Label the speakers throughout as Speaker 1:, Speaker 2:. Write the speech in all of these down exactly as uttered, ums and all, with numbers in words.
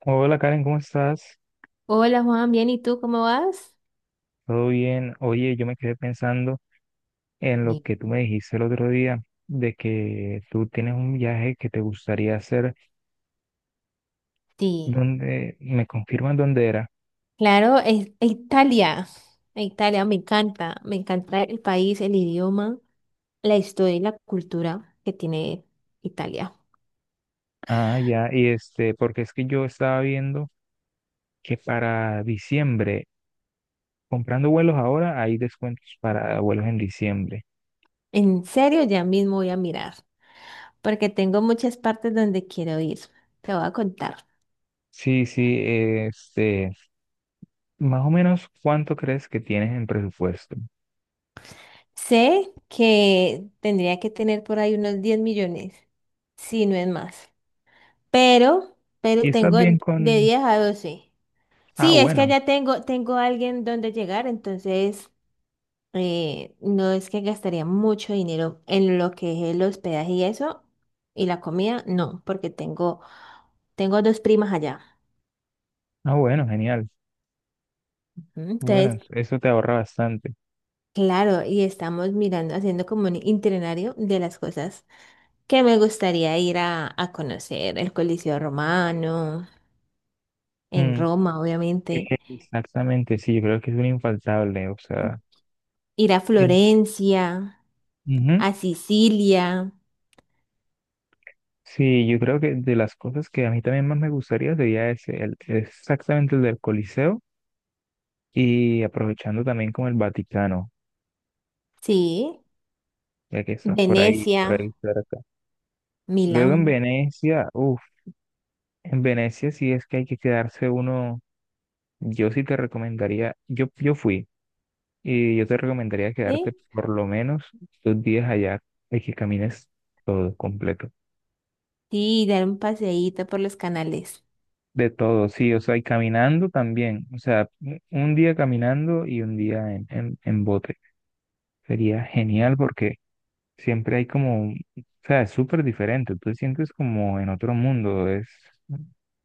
Speaker 1: Hola Karen, ¿cómo estás?
Speaker 2: Hola Juan, bien, ¿y tú cómo vas?
Speaker 1: ¿Todo bien? Oye, yo me quedé pensando en lo
Speaker 2: Ni-
Speaker 1: que tú me dijiste el otro día, de que tú tienes un viaje que te gustaría hacer,
Speaker 2: Sí.
Speaker 1: donde me confirman dónde era.
Speaker 2: Claro, es e Italia. E Italia me encanta, me encanta el país, el idioma, la historia y la cultura que tiene Italia.
Speaker 1: Ah, ya, y este, porque es que yo estaba viendo que para diciembre, comprando vuelos ahora, hay descuentos para vuelos en diciembre.
Speaker 2: ¿En serio? Ya mismo voy a mirar, porque tengo muchas partes donde quiero ir. Te voy a contar.
Speaker 1: Sí, sí, este, más o menos, ¿cuánto crees que tienes en presupuesto?
Speaker 2: Sé que tendría que tener por ahí unos diez millones, si no es más, pero, pero
Speaker 1: ¿Y estás
Speaker 2: tengo
Speaker 1: bien
Speaker 2: de
Speaker 1: con...
Speaker 2: diez a doce.
Speaker 1: Ah,
Speaker 2: Sí, es que
Speaker 1: bueno,
Speaker 2: allá tengo, tengo alguien donde llegar, entonces eh, no es que gastaría mucho dinero en lo que es el hospedaje y eso, y la comida, no, porque tengo, tengo dos primas allá.
Speaker 1: ah, bueno, genial.
Speaker 2: Ujú.
Speaker 1: Bueno,
Speaker 2: Entonces,
Speaker 1: eso te ahorra bastante.
Speaker 2: claro, y estamos mirando, haciendo como un itinerario de las cosas que me gustaría ir a, a conocer, el Coliseo Romano, en
Speaker 1: Mm,
Speaker 2: Roma,
Speaker 1: eh,
Speaker 2: obviamente,
Speaker 1: exactamente, sí, yo creo que es un infaltable, o sea,
Speaker 2: ir a
Speaker 1: eh,
Speaker 2: Florencia,
Speaker 1: ujú.
Speaker 2: a Sicilia,
Speaker 1: Sí, yo creo que de las cosas que a mí también más me gustaría sería ese, el, exactamente el del Coliseo y aprovechando también con el Vaticano,
Speaker 2: sí,
Speaker 1: ya que estás por ahí, por ahí
Speaker 2: Venecia.
Speaker 1: cerca. Luego en
Speaker 2: Milán.
Speaker 1: Venecia, uff, en Venecia sí es que hay que quedarse uno, yo sí te recomendaría, yo, yo fui. Y yo te recomendaría
Speaker 2: ¿Sí?
Speaker 1: quedarte por lo menos dos días allá y que camines todo completo.
Speaker 2: Sí, dar un paseíto por los canales.
Speaker 1: De todo, sí, o sea, y caminando también. O sea, un un día caminando y un día en, en, en bote. Sería genial porque siempre hay como, o sea, es súper diferente. Tú te sientes como en otro mundo. Es,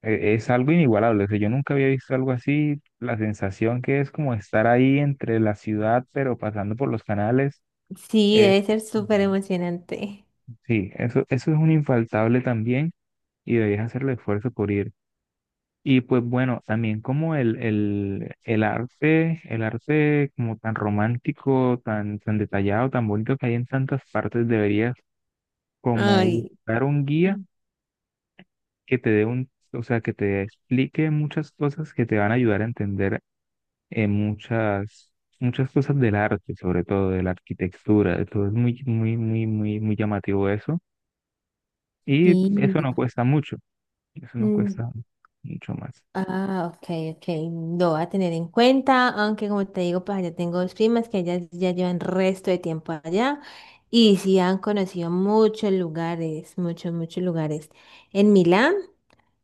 Speaker 1: e- es algo inigualable. O sea, yo nunca había visto algo así. La sensación que es como estar ahí entre la ciudad, pero pasando por los canales,
Speaker 2: Sí,
Speaker 1: es...
Speaker 2: debe ser súper emocionante.
Speaker 1: Sí, eso, eso es un infaltable también y debes hacer el esfuerzo por ir. Y pues bueno, también como el, el, el arte, el arte como tan romántico, tan, tan detallado, tan bonito que hay en tantas partes, deberías como
Speaker 2: Ay,
Speaker 1: buscar un guía que te dé un, o sea, que te explique muchas cosas que te van a ayudar a entender eh, muchas, muchas cosas del arte, sobre todo de la arquitectura. Entonces es muy, muy, muy, muy, muy llamativo eso. Y
Speaker 2: sí.
Speaker 1: eso no cuesta mucho. Eso no
Speaker 2: Mm.
Speaker 1: cuesta mucho más.
Speaker 2: Ah, ok, ok. Lo voy a tener en cuenta, aunque como te digo, pues allá tengo dos primas que ellas ya llevan resto de tiempo allá y sí han conocido muchos lugares, muchos, muchos lugares. En Milán,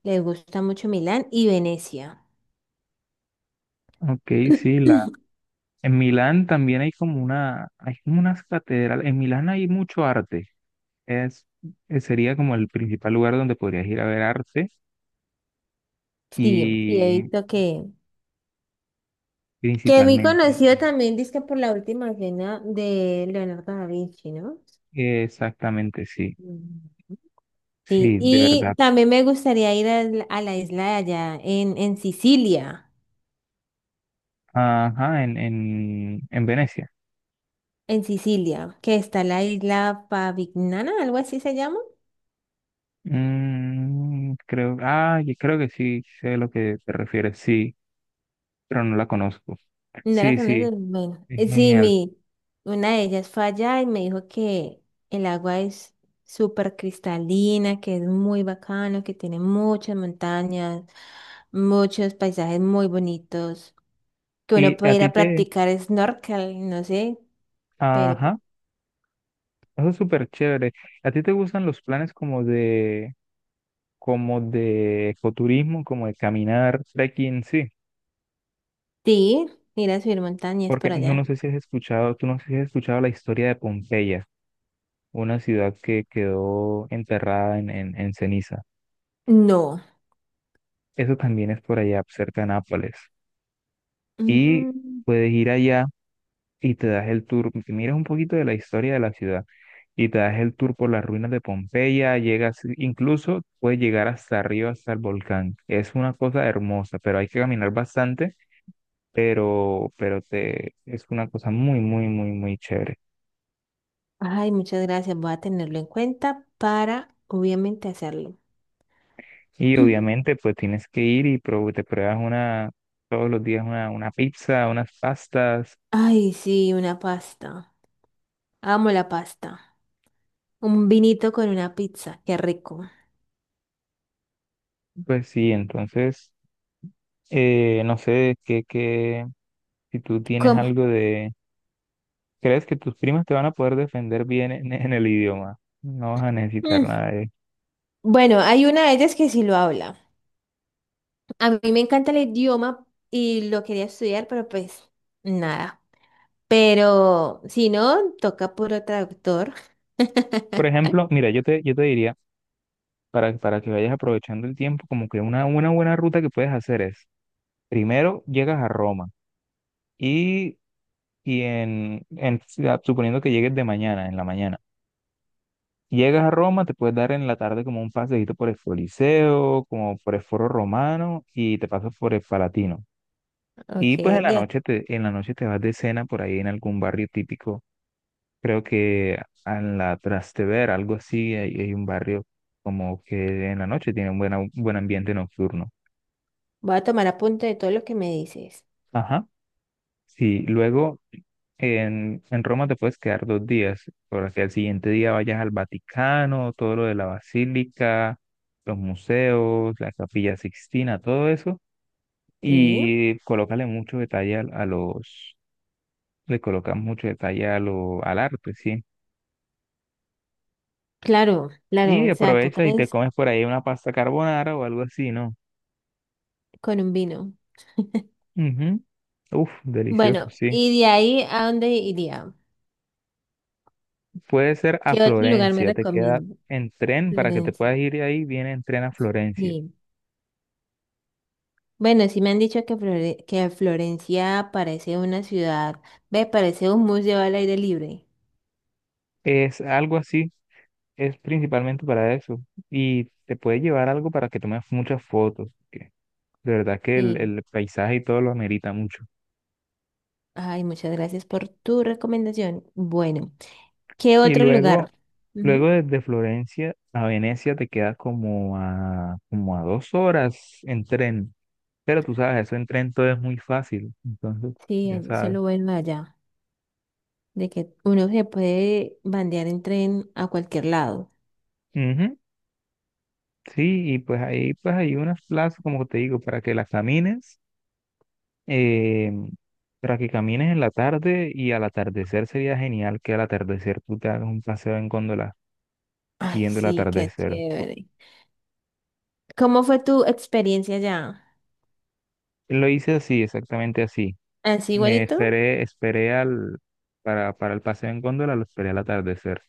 Speaker 2: les gusta mucho Milán y Venecia.
Speaker 1: Ok, sí, la, en Milán también hay como una, hay como unas catedrales. En Milán hay mucho arte. Es, eh, sería como el principal lugar donde podrías ir a ver arte
Speaker 2: Sí, sí, he
Speaker 1: y
Speaker 2: visto que... Que es muy
Speaker 1: principalmente
Speaker 2: conocido
Speaker 1: ahí.
Speaker 2: también, dice por la última cena de Leonardo da Vinci, ¿no?
Speaker 1: Exactamente, sí.
Speaker 2: Mm. Sí,
Speaker 1: Sí, de
Speaker 2: y
Speaker 1: verdad.
Speaker 2: también me gustaría ir al- a la isla de allá, en, en Sicilia,
Speaker 1: Ajá, en, en, en Venecia.
Speaker 2: en Sicilia, que está la isla Pavignana, algo así se llama.
Speaker 1: Mm, creo, ah, yo creo que sí, sé a lo que te refieres, sí, pero no la conozco.
Speaker 2: No la
Speaker 1: Sí,
Speaker 2: conoces,
Speaker 1: sí,
Speaker 2: bueno.
Speaker 1: es
Speaker 2: Eh, Sí,
Speaker 1: genial.
Speaker 2: mi, una de ellas fue allá y me dijo que el agua es súper cristalina, que es muy bacano, que tiene muchas montañas, muchos paisajes muy bonitos, que uno
Speaker 1: ¿Y a
Speaker 2: puede ir
Speaker 1: ti
Speaker 2: a
Speaker 1: te,
Speaker 2: practicar snorkel, no sé, pero pues,
Speaker 1: ajá, eso es súper chévere. ¿A ti te gustan los planes como de, como de ecoturismo, como de caminar, trekking? Sí,
Speaker 2: sí, ir a subir montañas
Speaker 1: porque
Speaker 2: por
Speaker 1: no, no
Speaker 2: allá.
Speaker 1: sé si has escuchado, tú no sé si has escuchado la historia de Pompeya, una ciudad que quedó enterrada en, en, en ceniza.
Speaker 2: No.
Speaker 1: Eso también es por allá, cerca de Nápoles. Y
Speaker 2: Mm.
Speaker 1: puedes ir allá y te das el tour, que miras un poquito de la historia de la ciudad y te das el tour por las ruinas de Pompeya, llegas, incluso puedes llegar hasta arriba, hasta el volcán. Es una cosa hermosa, pero hay que caminar bastante, pero, pero te, es una cosa muy, muy, muy, muy chévere.
Speaker 2: Ay, muchas gracias, voy a tenerlo en cuenta para obviamente hacerlo.
Speaker 1: Y obviamente, pues tienes que ir y pro- te pruebas una, todos los días una, una pizza, unas pastas,
Speaker 2: Ay, sí, una pasta. Amo la pasta. Un vinito con una pizza, qué rico.
Speaker 1: pues sí, entonces, eh, no sé, qué, qué, si tú tienes
Speaker 2: ¿Cómo?
Speaker 1: algo de ¿Crees que tus primas te van a poder defender bien en, en el idioma? No vas a necesitar
Speaker 2: Mm.
Speaker 1: nada de...
Speaker 2: Bueno, hay una de ellas que sí lo habla. A mí me encanta el idioma y lo quería estudiar, pero pues nada. Pero si no, toca puro traductor.
Speaker 1: Por ejemplo, mira, yo te, yo te diría, para, para que vayas aprovechando el tiempo, como que una, una buena ruta que puedes hacer es, primero llegas a Roma y, y en, en- ah, suponiendo que llegues de mañana, en la mañana, llegas a Roma, te puedes dar en la tarde como un paseíto por el Coliseo, como por el Foro Romano y te pasas por el Palatino.
Speaker 2: Ok,
Speaker 1: Y pues en la noche te, en la noche te vas de cena por ahí en algún barrio típico. Creo que en la Trastevere, algo así, hay, hay un barrio como que en la noche tiene un, buena- un buen ambiente nocturno.
Speaker 2: voy a tomar apunte de todo lo que me dices.
Speaker 1: Ajá. Sí, luego en, en Roma te puedes quedar dos días, para que al siguiente día vayas al Vaticano, todo lo de la Basílica, los museos, la Capilla Sixtina, todo eso.
Speaker 2: Sí,
Speaker 1: Y colócale mucho detalle a, a los, le colocas mucho detalle a lo, al arte, sí.
Speaker 2: claro, claro,
Speaker 1: Y
Speaker 2: o sea, toca
Speaker 1: aprovechas y te
Speaker 2: es
Speaker 1: comes por ahí una pasta carbonara o algo así, ¿no?
Speaker 2: con un vino.
Speaker 1: Ujú. Uf, delicioso,
Speaker 2: Bueno,
Speaker 1: sí.
Speaker 2: ¿y de ahí a dónde iría?
Speaker 1: Puede ser a
Speaker 2: ¿Qué otro lugar me
Speaker 1: Florencia, te queda
Speaker 2: recomienda?
Speaker 1: en tren para que te
Speaker 2: Florencia.
Speaker 1: puedas ir de ahí, viene en tren a Florencia.
Speaker 2: Sí. Bueno, sí me han dicho que, Flore- que Florencia parece una ciudad, ve, parece un museo al aire libre.
Speaker 1: Es algo así, es principalmente para eso. Y te puede llevar algo para que tomes muchas fotos, que de verdad que el,
Speaker 2: Sí.
Speaker 1: el paisaje y todo lo amerita mucho.
Speaker 2: Ay, muchas gracias por tu recomendación. Bueno, ¿qué
Speaker 1: Y
Speaker 2: otro
Speaker 1: luego,
Speaker 2: lugar?
Speaker 1: luego
Speaker 2: Ujú.
Speaker 1: desde Florencia a Venecia te queda como a, como a dos horas en tren. Pero tú sabes, eso en tren todo es muy fácil, entonces
Speaker 2: Sí,
Speaker 1: ya
Speaker 2: allí- eso es lo
Speaker 1: sabes.
Speaker 2: bueno de allá, de que uno se puede bandear en tren a cualquier lado.
Speaker 1: Ujú. Sí, y pues ahí pues hay unas plazas, como te digo, para que las camines, eh, para que camines en la tarde y al atardecer sería genial que al atardecer tú te hagas un paseo en góndola
Speaker 2: Ay,
Speaker 1: viendo el
Speaker 2: sí, qué
Speaker 1: atardecer.
Speaker 2: chévere. ¿Cómo fue tu experiencia allá?
Speaker 1: Lo hice así, exactamente así.
Speaker 2: ¿Así
Speaker 1: Me
Speaker 2: igualito?
Speaker 1: esperé, esperé al, para, para el paseo en góndola, lo esperé al atardecer.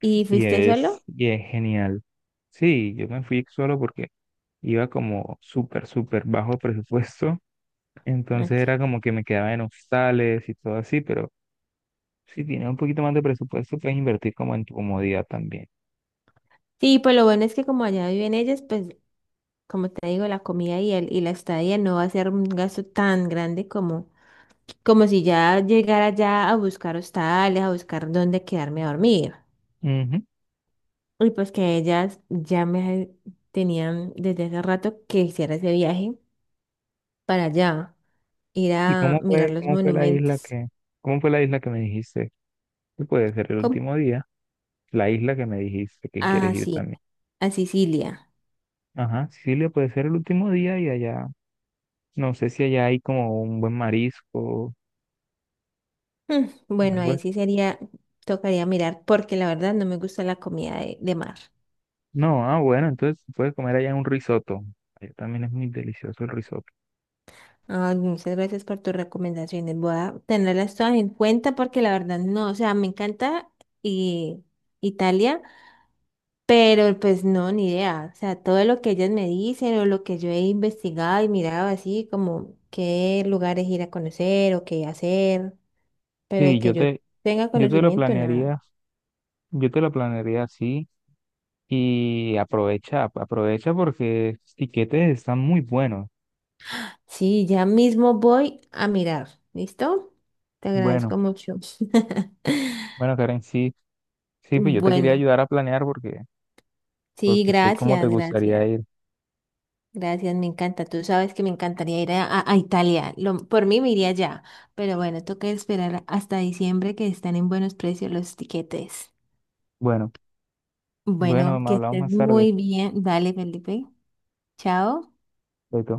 Speaker 2: ¿Y
Speaker 1: Y
Speaker 2: fuiste
Speaker 1: es,
Speaker 2: solo?
Speaker 1: y es genial. Sí, yo me fui solo porque iba como súper, súper bajo presupuesto. Entonces era
Speaker 2: Ok.
Speaker 1: como que me quedaba en hostales y todo así, pero si tienes un poquito más de presupuesto, puedes invertir como en tu comodidad también.
Speaker 2: Sí, pues lo bueno es que como allá viven ellas, pues como te digo, la comida y, el, y la estadía no va a ser un gasto tan grande como, como si ya llegara ya a buscar hostales, a buscar dónde quedarme a dormir.
Speaker 1: Ujú.
Speaker 2: Y pues que ellas ya me tenían desde hace rato que hiciera ese viaje para allá, ir
Speaker 1: ¿Y
Speaker 2: a
Speaker 1: cómo
Speaker 2: mirar
Speaker 1: fue,
Speaker 2: los
Speaker 1: cómo fue la isla
Speaker 2: monumentos.
Speaker 1: que, cómo fue la isla que me dijiste que puede ser el
Speaker 2: ¿Cómo?
Speaker 1: último día? La isla que me dijiste que quieres
Speaker 2: Ah,
Speaker 1: ir
Speaker 2: sí,
Speaker 1: también.
Speaker 2: a Sicilia.
Speaker 1: Ajá, Sicilia puede ser el último día y allá, no sé si allá hay como un buen marisco,
Speaker 2: Mm. Bueno,
Speaker 1: algo
Speaker 2: ahí
Speaker 1: así.
Speaker 2: sí sería, tocaría mirar, porque la verdad no me gusta la comida de, de mar.
Speaker 1: No, ah, bueno, entonces puedes comer allá un risotto. Allá también es muy delicioso el risotto.
Speaker 2: Ay, muchas gracias por tus recomendaciones. Voy a tenerlas todas en cuenta porque la verdad no, o sea, me encanta y Italia, pero pues no, ni idea. O sea, todo lo que ellas me dicen o lo que yo he investigado y mirado así, como qué lugares ir a conocer o qué hacer, pero de
Speaker 1: Sí,
Speaker 2: que
Speaker 1: yo
Speaker 2: yo
Speaker 1: te,
Speaker 2: tenga
Speaker 1: yo te lo
Speaker 2: conocimiento, nada.
Speaker 1: planearía, yo te lo planearía así. Y aprovecha, ap- aprovecha porque estos tiquetes están muy buenos.
Speaker 2: Sí, ya mismo voy a mirar. ¿Listo? Te
Speaker 1: Bueno,
Speaker 2: agradezco mucho.
Speaker 1: bueno, Karen, sí, sí, pues yo te quería
Speaker 2: Bueno,
Speaker 1: ayudar a planear porque,
Speaker 2: sí,
Speaker 1: porque sé cómo te
Speaker 2: gracias,
Speaker 1: gustaría
Speaker 2: gracias.
Speaker 1: ir.
Speaker 2: Gracias, me encanta. Tú sabes que me encantaría ir a, a- a Italia. Lo- por mí me iría ya. Pero bueno, toca esperar hasta diciembre que están en buenos precios los tiquetes.
Speaker 1: Bueno, bueno,
Speaker 2: Bueno,
Speaker 1: me
Speaker 2: que
Speaker 1: hablamos
Speaker 2: estés
Speaker 1: más tarde.
Speaker 2: muy bien. Dale, Felipe. Chao.
Speaker 1: Chaito.